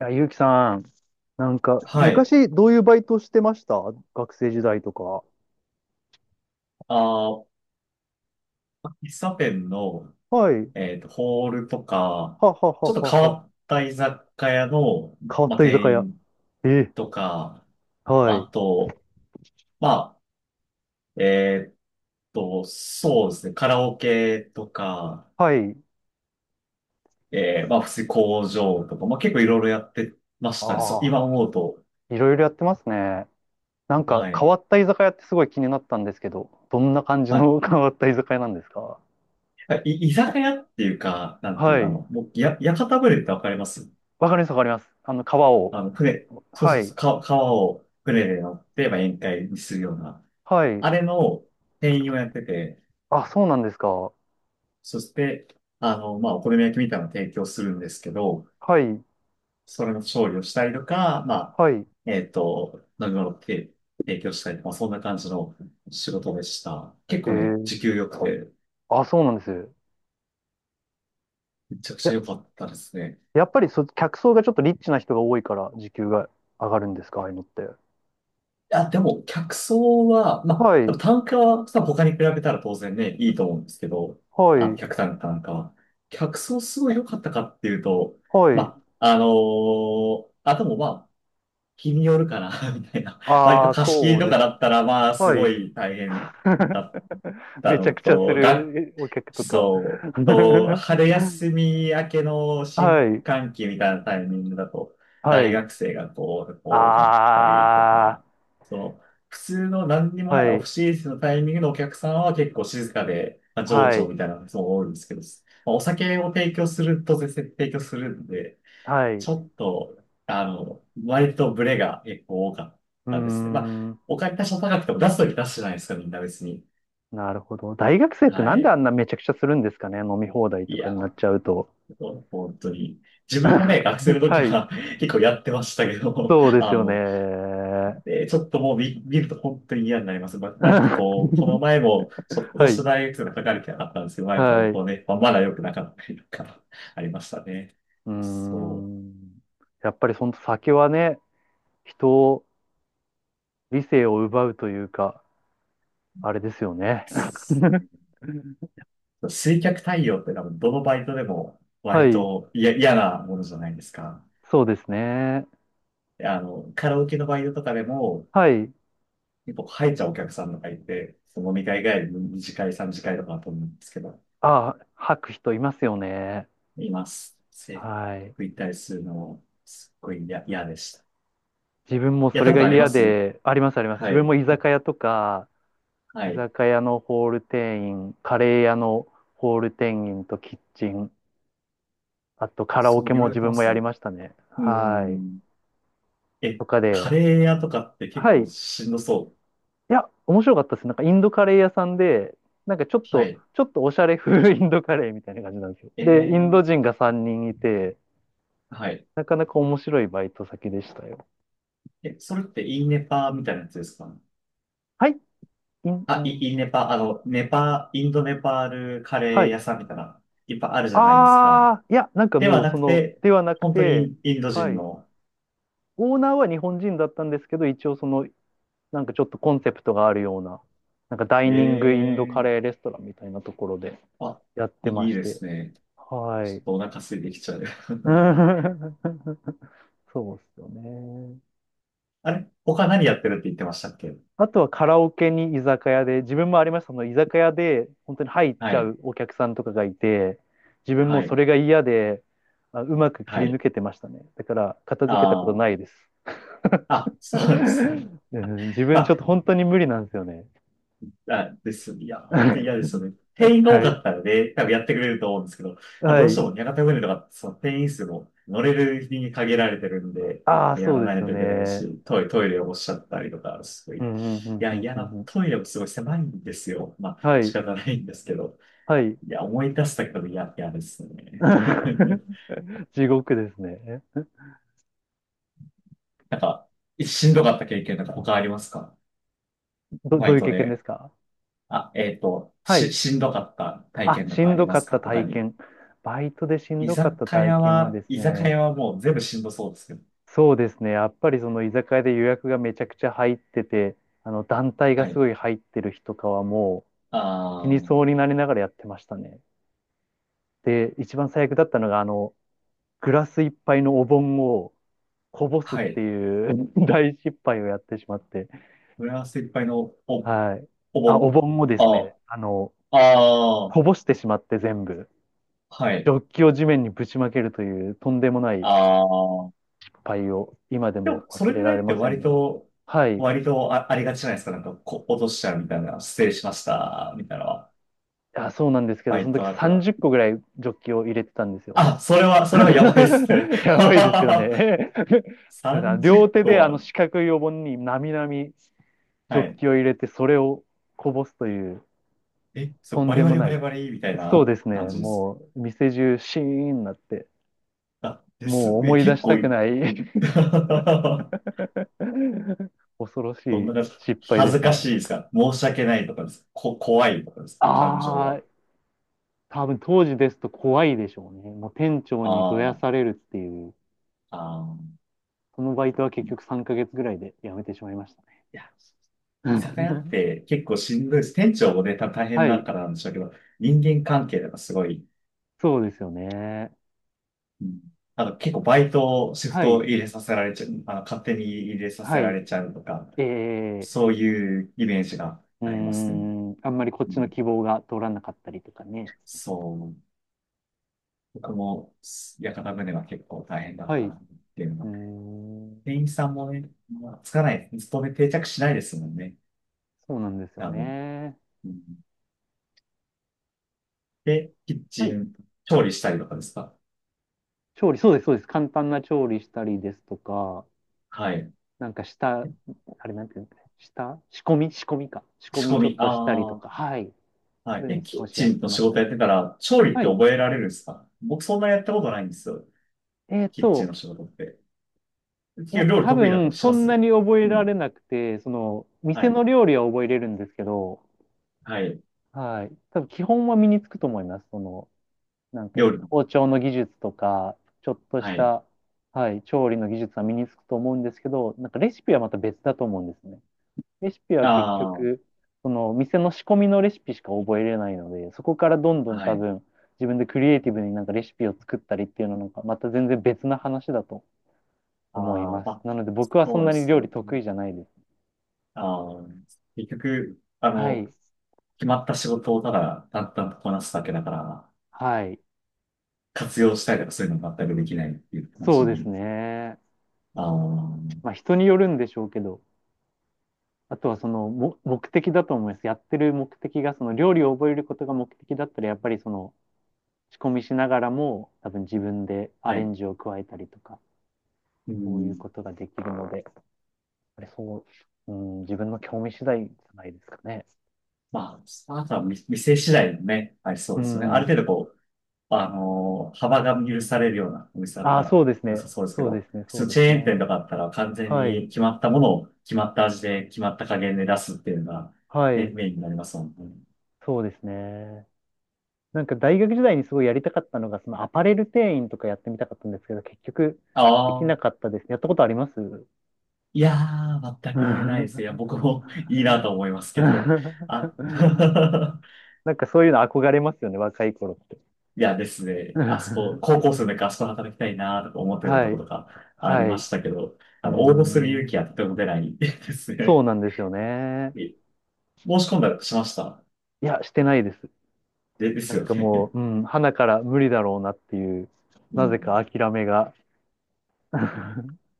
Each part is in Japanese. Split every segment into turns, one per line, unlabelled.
いや、ゆうきさん、なんか、
はい。
昔どういうバイトしてました？学生時代とか。
あー、喫茶店の、
はい。
ホールとか、
はは
ちょっ
は
と
は
変
は。
わった居酒屋の、
変わっ
まあ、
た居酒
店
屋。
員
え、
とか、
はい。
あと、まあ、そうですね、カラオケとか、
はい。
まあ、普通に工場とか、まあ、結構いろいろやってまし
あ
たね。そう、今
あ、
思うと。
いろいろやってますね。なんか、
は
変
い。
わった居酒屋ってすごい気になったんですけど、どんな感じ
は
の 変わった居酒屋なんですか？
い。居酒屋っていうか、なんていう
は
か、あ
い。
の、もう、屋形船ってわかります？
わかります、わかります。あの、川を。
あの、船、そう
は
そうそ
い。
う、川を船で乗って、まあ、宴会にするような、
はい。
あれの店員をやってて、
あ、そうなんですか。
そして、あの、まあ、お好み焼きみたいなのを提供するんですけど、
はい。
それの調理をしたりとか、まあ、
はい。
飲み物を提供したりとか、まあそんな感じの仕事でした。結
へ
構ね、
え。
時給良くて、
あ、そうなんです。いや、
めちゃくちゃ良かったですね。
やっぱり客層がちょっとリッチな人が多いから時給が上がるんですか、ああいうのって。
や、でも、客層は、ま
は
あ、多分
い、
単価はさ、他に比べたら当然ね、いいと思うんですけど、
は
あの、
い、
客単価なんかは。客層すごい良かったかっていうと、
はい。
まあ、でもまあ、日によるかな、みたいな。割と
ああ、
貸し切
そ
り
う
と
で
か
す
だ
ね。
ったら、まあ、す
は
ご
い。
い大変だっ た
めちゃ
の
くちゃす
と、
るお客とか。
そう、春休み明けの新
はい、
歓期みたいなタイミングだと、
は
大
い。
学生がこう、多かったりと
あ
か、そう、普通の何にも
あ、
ない
は
オフ
い、
シーズンのタイミングのお客さんは結構静かで、まあ、情
は
緒
い、
みたいなのがすごい多いんですけど、まあお酒を提供すると、当然提供するんで、
はい。
ち
う
ょっと、あの、割とブレが結構多かっ
ー
たですね。まあ、
ん、
お金多少高くても出すとき出すじゃないですか、みんな別に。
なるほど。大学生って
は
なんであん
い。
なめちゃくちゃするんですかね、飲み放題
い
とかになっ
や、
ちゃうと。
もう本当に。自分もね、学生の 時
はい、
は 結構やってましたけど、
そう です
あ
よね。
の、でちょっともう見ると本当に嫌になります。まあ、なんか
は
こう、この前も、ちょっとした
い。
大学生が書かれてなかったんですけど、まあ、やっぱ
はい。
こ
う
うね、まあ、まだ良くなかったりとか、ありましたね。
ー
そ
ん。やっぱりその酒はね、人を、理性を奪うというか、あれですよね。
う。水客対応って多分どのバイトでも
は
割
い。
と嫌なものじゃないですか。
そうですね。
であの、カラオケのバイトとかでも、
はい。
結構入っちゃうお客さんとかいて、その飲み会帰りの2次会、3次会とかだと思うんですけど、
あ、吐く人いますよね。
います。
はい。
食いたりするの、すっごい嫌でした。
自分も
や
そ
った
れ
こ
が
とありま
嫌
す？
で、あります、あります。自
は
分
い。
も居酒屋とか、
は
居
い。
酒屋のホール店員、カレー屋のホール店員とキッチン、あとカラオ
そう、
ケ
いろい
も
ろやっ
自
てま
分もや
す
り
ね。
ましたね。
うー
はい。
ん。え、
とか
カ
で、
レー屋とかって結
は
構
い。
しんどそう。
いや、面白かったです。なんかインドカレー屋さんで、なんかちょっ
は
と、
い。
ちょっとおしゃれ風インドカレーみたいな感じなんですよ。
え
で、インド
ー、
人が3人いて、
はい。
なかなか面白いバイト先でしたよ。
え、それってインネパーみたいなやつですか？
はい、イン、イ
あ、
ン、
インネパー、あの、ネパー、インドネパールカレ
は
ー
い。
屋さんみたいな、いっぱいあるじゃないですか。
あー、いや、なんか
で
も
は
う
な
そ
く
の、
て、
ではなく
本当に
て、
インド
は
人
い。
の、
オーナーは日本人だったんですけど、一応その、なんかちょっとコンセプトがあるような、なんかダイ
え
ニングインドカ
ー、
レーレストランみたいなところで
あ、
やってま
いい
し
で
て。
すね。
は
ちょ
い。
っとお腹空いてきちゃう。
そうですよね。
あれ他何やってるって言ってましたっけ？
あとはカラオケに居酒屋で、自分もありました、その居酒屋で本当に入っ
は
ちゃ
い。
うお客さんとかがいて、自分も
は
そ
い。
れが嫌で、あ、うまく切
は
り抜
い。
けてましたね。だから片
あ
付けたこと
あ。
ないです。
あ、そうなんです ね。
うん、自分ちょっ
あ、
と本当に無理なんですよね。
あ、です。いや、本当に嫌 ですよね。店員が多
は
か
い。
ったらね、多分やってくれると思うんですけど、まあ、
は
どうして
い。
も屋形船とか、その店員数も乗れる日に限られてるんで、
ああ、
や
そう
ら
で
な
す
い
よ
といけない
ね。
し、トイレをおっしゃったりとか、すごい。
う
い
んうんうん
や、
うん
嫌
うん
な、
うん。
トイレもすごい狭いんですよ。まあ、
は
仕
い。
方ないんですけど。
はい。
いや、思い出すだけでも嫌ですね。
地獄ですね。
なんか、しんどかった経験なんか他ありますか？バ
ど
イ
ういう
ト
経験で
で。
すか？
あ、
はい。
しんどかった体
あ、
験なん
し
かあ
ん
り
ど
ま
か
す
っ
か
た
他
体
に。
験。バイトでしん
居
どかっ
酒
た体
屋
験は
は、
です
居酒
ね、
屋はもう全部しんどそうですけど。
そうですね、やっぱりその居酒屋で予約がめちゃくちゃ入ってて、あの団体が
は
す
い。
ごい入ってる日とかはもう死に
あ
そ
あ、
うになりながらやってましたね。で、一番最悪だったのが、あの、グラス一杯のお盆をこぼすっ
は
て
い。
いう 大失敗をやってしまって、
フランスいっぱいの
はい。
お
あ、お
盆。
盆をです
あ、
ね、あの、
あ
こぼしてしまって全部、
あ、は
ジ
い。
ョッキを地面にぶちまけるというとんでもない
ああ、
敗を今で
でも、
も
そ
忘
れ
れ
ぐら
られ
いって
ませ
割
んね。
と、
はい。
ありがちじゃないですか。なんか、落としちゃうみたいな、失礼しました、みたいなのは。
あ、そうなんですけ
バ
ど、そ
イ
の
ト
時
だった
30
ら。
個ぐらいジョッキを入れてたんですよ。
あ、それはやばいっすね。
や
は
ばい
は
です
は
よ
は
ね。
30
両手
個
であの
は、
四角いお盆になみなみジョ
は
ッ
い。
キを入れて、それをこぼすという、
え、そう、
とん
バリ
で
バ
も
リ
な
バ
い。
リバリみたい
そう
な
です
感
ね。
じです。
もう、店中シーンになって、
あ、です。
もう
え、
思い出
結
し
構
たくない。
ど
恐ろし
んな
い
感じ？
失敗
恥
で
ず
す
か
ね。
しいですか？申し訳ないとかですか？怖いとかですか？感情
ああ、
は。
多分当時ですと怖いでしょうね。もう店長
あ
にどやされるっていう、
あ、ああ。
そのバイトは結局3ヶ月ぐらいで辞めてしまいましたね。
いや、居酒屋っ て結構しんどいです。店長もね、大変
は
だ
い、
からなんでしょうけど、人間関係とかすごい、
そうですよね。
うん、あの、結構バイト、シフ
は
ト
い、
入れさせられちゃう、あの、勝手に入れさせ
は
ら
い。
れちゃうとか、
えー、
そういうイメージが
うー
ありますね。
ん、あんまりこっ
う
ちの
ん、
希望が通らなかったりとかね。
そう。僕も、屋形船は結構大変だっ
は
た
い、う
なっていうの
ー
は。
ん、
店員さんもね、まあつかない、勤め定着しないですもんね。
そうなんですよ
多分。
ね。
うん、で、キッ
は
チ
い、
ン、調理したりとかですか？
調理、そうです、そうです。簡単な調理したりですとか、
はい。
なんか下、あれなんていうんですかね、下仕込み、仕込みか。仕込
仕
み
込
ちょっ
み、
としたり
あ
と
あ、
か、はい。
は
そ
い。
ういう
え、
の
キ
少
ッ
しや
チ
っ
ン
て
の
ま
仕
した
事
ね。
やってから、調理っ
は
て
い。
覚えられるんですか？僕そんなやったことないんですよ。
えっ
キッチン
と、
の仕事って。
いや、
料理
多
得意だった
分
りし
そ
ま
んな
す？
に覚え
う
ら
ん。
れなくて、その、
は
店
い。
の料理は覚えれるんですけど、
はい。
はい。多分基本は身につくと思います。その、なんか、
料理の。
包丁の技術とか、ちょっとし
はい。
た、はい、調理の技術は身につくと思うんですけど、なんかレシピはまた別だと思うんですね。レシピは結
あ
局、
あ。
その店の仕込みのレシピしか覚えれないので、そこからどんどん
は
多
い。
分自分でクリエイティブになんかレシピを作ったりっていうのはなんかまた全然別な話だと思い
あー、
ま
ま
す。
あ、
なので僕はそ
そ
ん
うで
なに
す
料
よ
理得
ね。
意じゃないです。
あー、結局、あ
は
の、
い。
決まった仕事をただ淡々とこなすだけだから、
はい。
活用したりとかそういうの全くできないっていう感
そ
じ
うです
に。
ね。
あ
まあ
ー、
人によるんでしょうけど、あとはそのも目的だと思います。やってる目的がその料理を覚えることが目的だったらやっぱりその仕込みしながらも多分自分でア
は
レ
い。
ンジを加えたりとか、
う
そういう
ん。
ことができるので。あれ、そう、うん、自分の興味次第じゃないですかね。
まあ、あとは店次第もね、はい、そ
う
うですよね。ある
ん。
程度こう、あの幅が許されるようなお店だっ
あ
た
あ、そ
ら
うです
良さ
ね。
そうですけ
そうで
ど、
すね。
普
そう
通
で
チ
す
ェーン店
ね。
とかだったら完全
はい。
に決まったものを決まった味で決まった加減で出すっていうのが、
は
ね、
い。
メインになりますもんね。
そうですね。なんか大学時代にすごいやりたかったのが、そのアパレル店員とかやってみたかったんですけど、結局
あ
でき
あ、
なかったですね。やったことあります？
いやー、全
う
くないですね。いや、
ん。
僕も いいなと思いますけど。あ、
なんかそういうの憧れますよね、若い頃って。
いやですね、あそこ、高校生の時あそこで働きたいなとか思ってたと
は
こと
い。
かあり
は
ま
い。う
したけど、
ー
あの、応募する勇気
ん。
はとても出ない です
そう
ね。
なんですよ ね。
え申し込んだりしました？
いや、してないです。
で、です
なん
よ
かも
ね。
う、うん、花から無理だろうなっていう、
う
なぜ
ん。
か諦めが。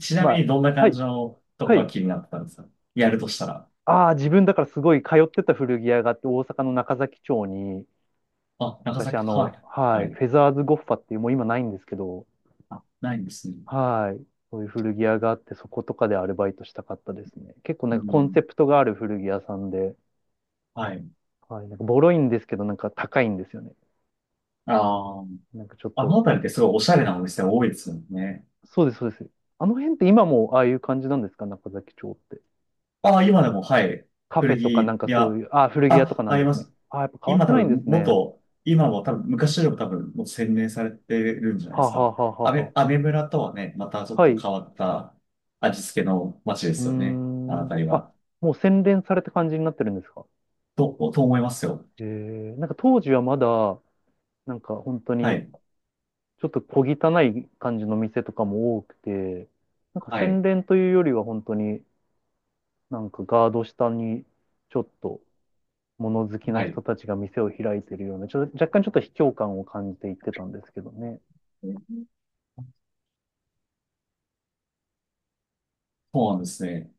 ちな
ま
み
あ、
にどんな
は
感
い、
じのとこ
は
が
い。
気になってたんですか？やるとしたら。
ああ、自分だからすごい通ってた古着屋があって、大阪の中崎町に、
あ、長
昔あ
崎、は
の、
い。
は
は
い、
い。
フェザーズゴッファっていう、もう今ないんですけど、
あ、ないんですね。
はい、そういう古着屋があって、そことかでアルバイトしたかったですね。結構
う
なんかコンセ
ん。
プトがある古着屋さんで、
はい。
はい、なんかボロいんですけど、なんか高いんですよね。
ああ。
なんかちょっ
あ
と、
のあたりってすごいおしゃれなお店多いですよね。
そうです、そうです。あの辺って今もああいう感じなんですか、中崎町って。
あ、今でも、はい。
カフ
古
ェとかなん
着
かそう
屋。
いう、ああ、古着屋とか
あ、
な
あ
ん
り
で
ま
すね。
す。
ああ、やっぱ変わっ
今
て
多
ないんで
分、
すね。
今も多分、昔よりも多分、もう洗練されてるんじゃないで
はあ、
す
はあ
か。
はあはあは
アメ村とはね、またちょ
あ、
っ
は
と
い。う
変わった味付けの街で
ー
すよね。あのあ
ん。
たり
あ、
は。
もう洗練された感じになってるんですか。
と思いますよ。
えー、なんか当時はまだ、なんか本当
は
に、
い。
ちょっと小汚い感じの店とかも多くて、なんか
は
洗
い。
練というよりは本当になんかガード下にちょっと物好きな
はい。
人たちが店を開いているような、ちょっと若干ちょっと卑怯感を感じていってたんですけどね。
そうなんですね。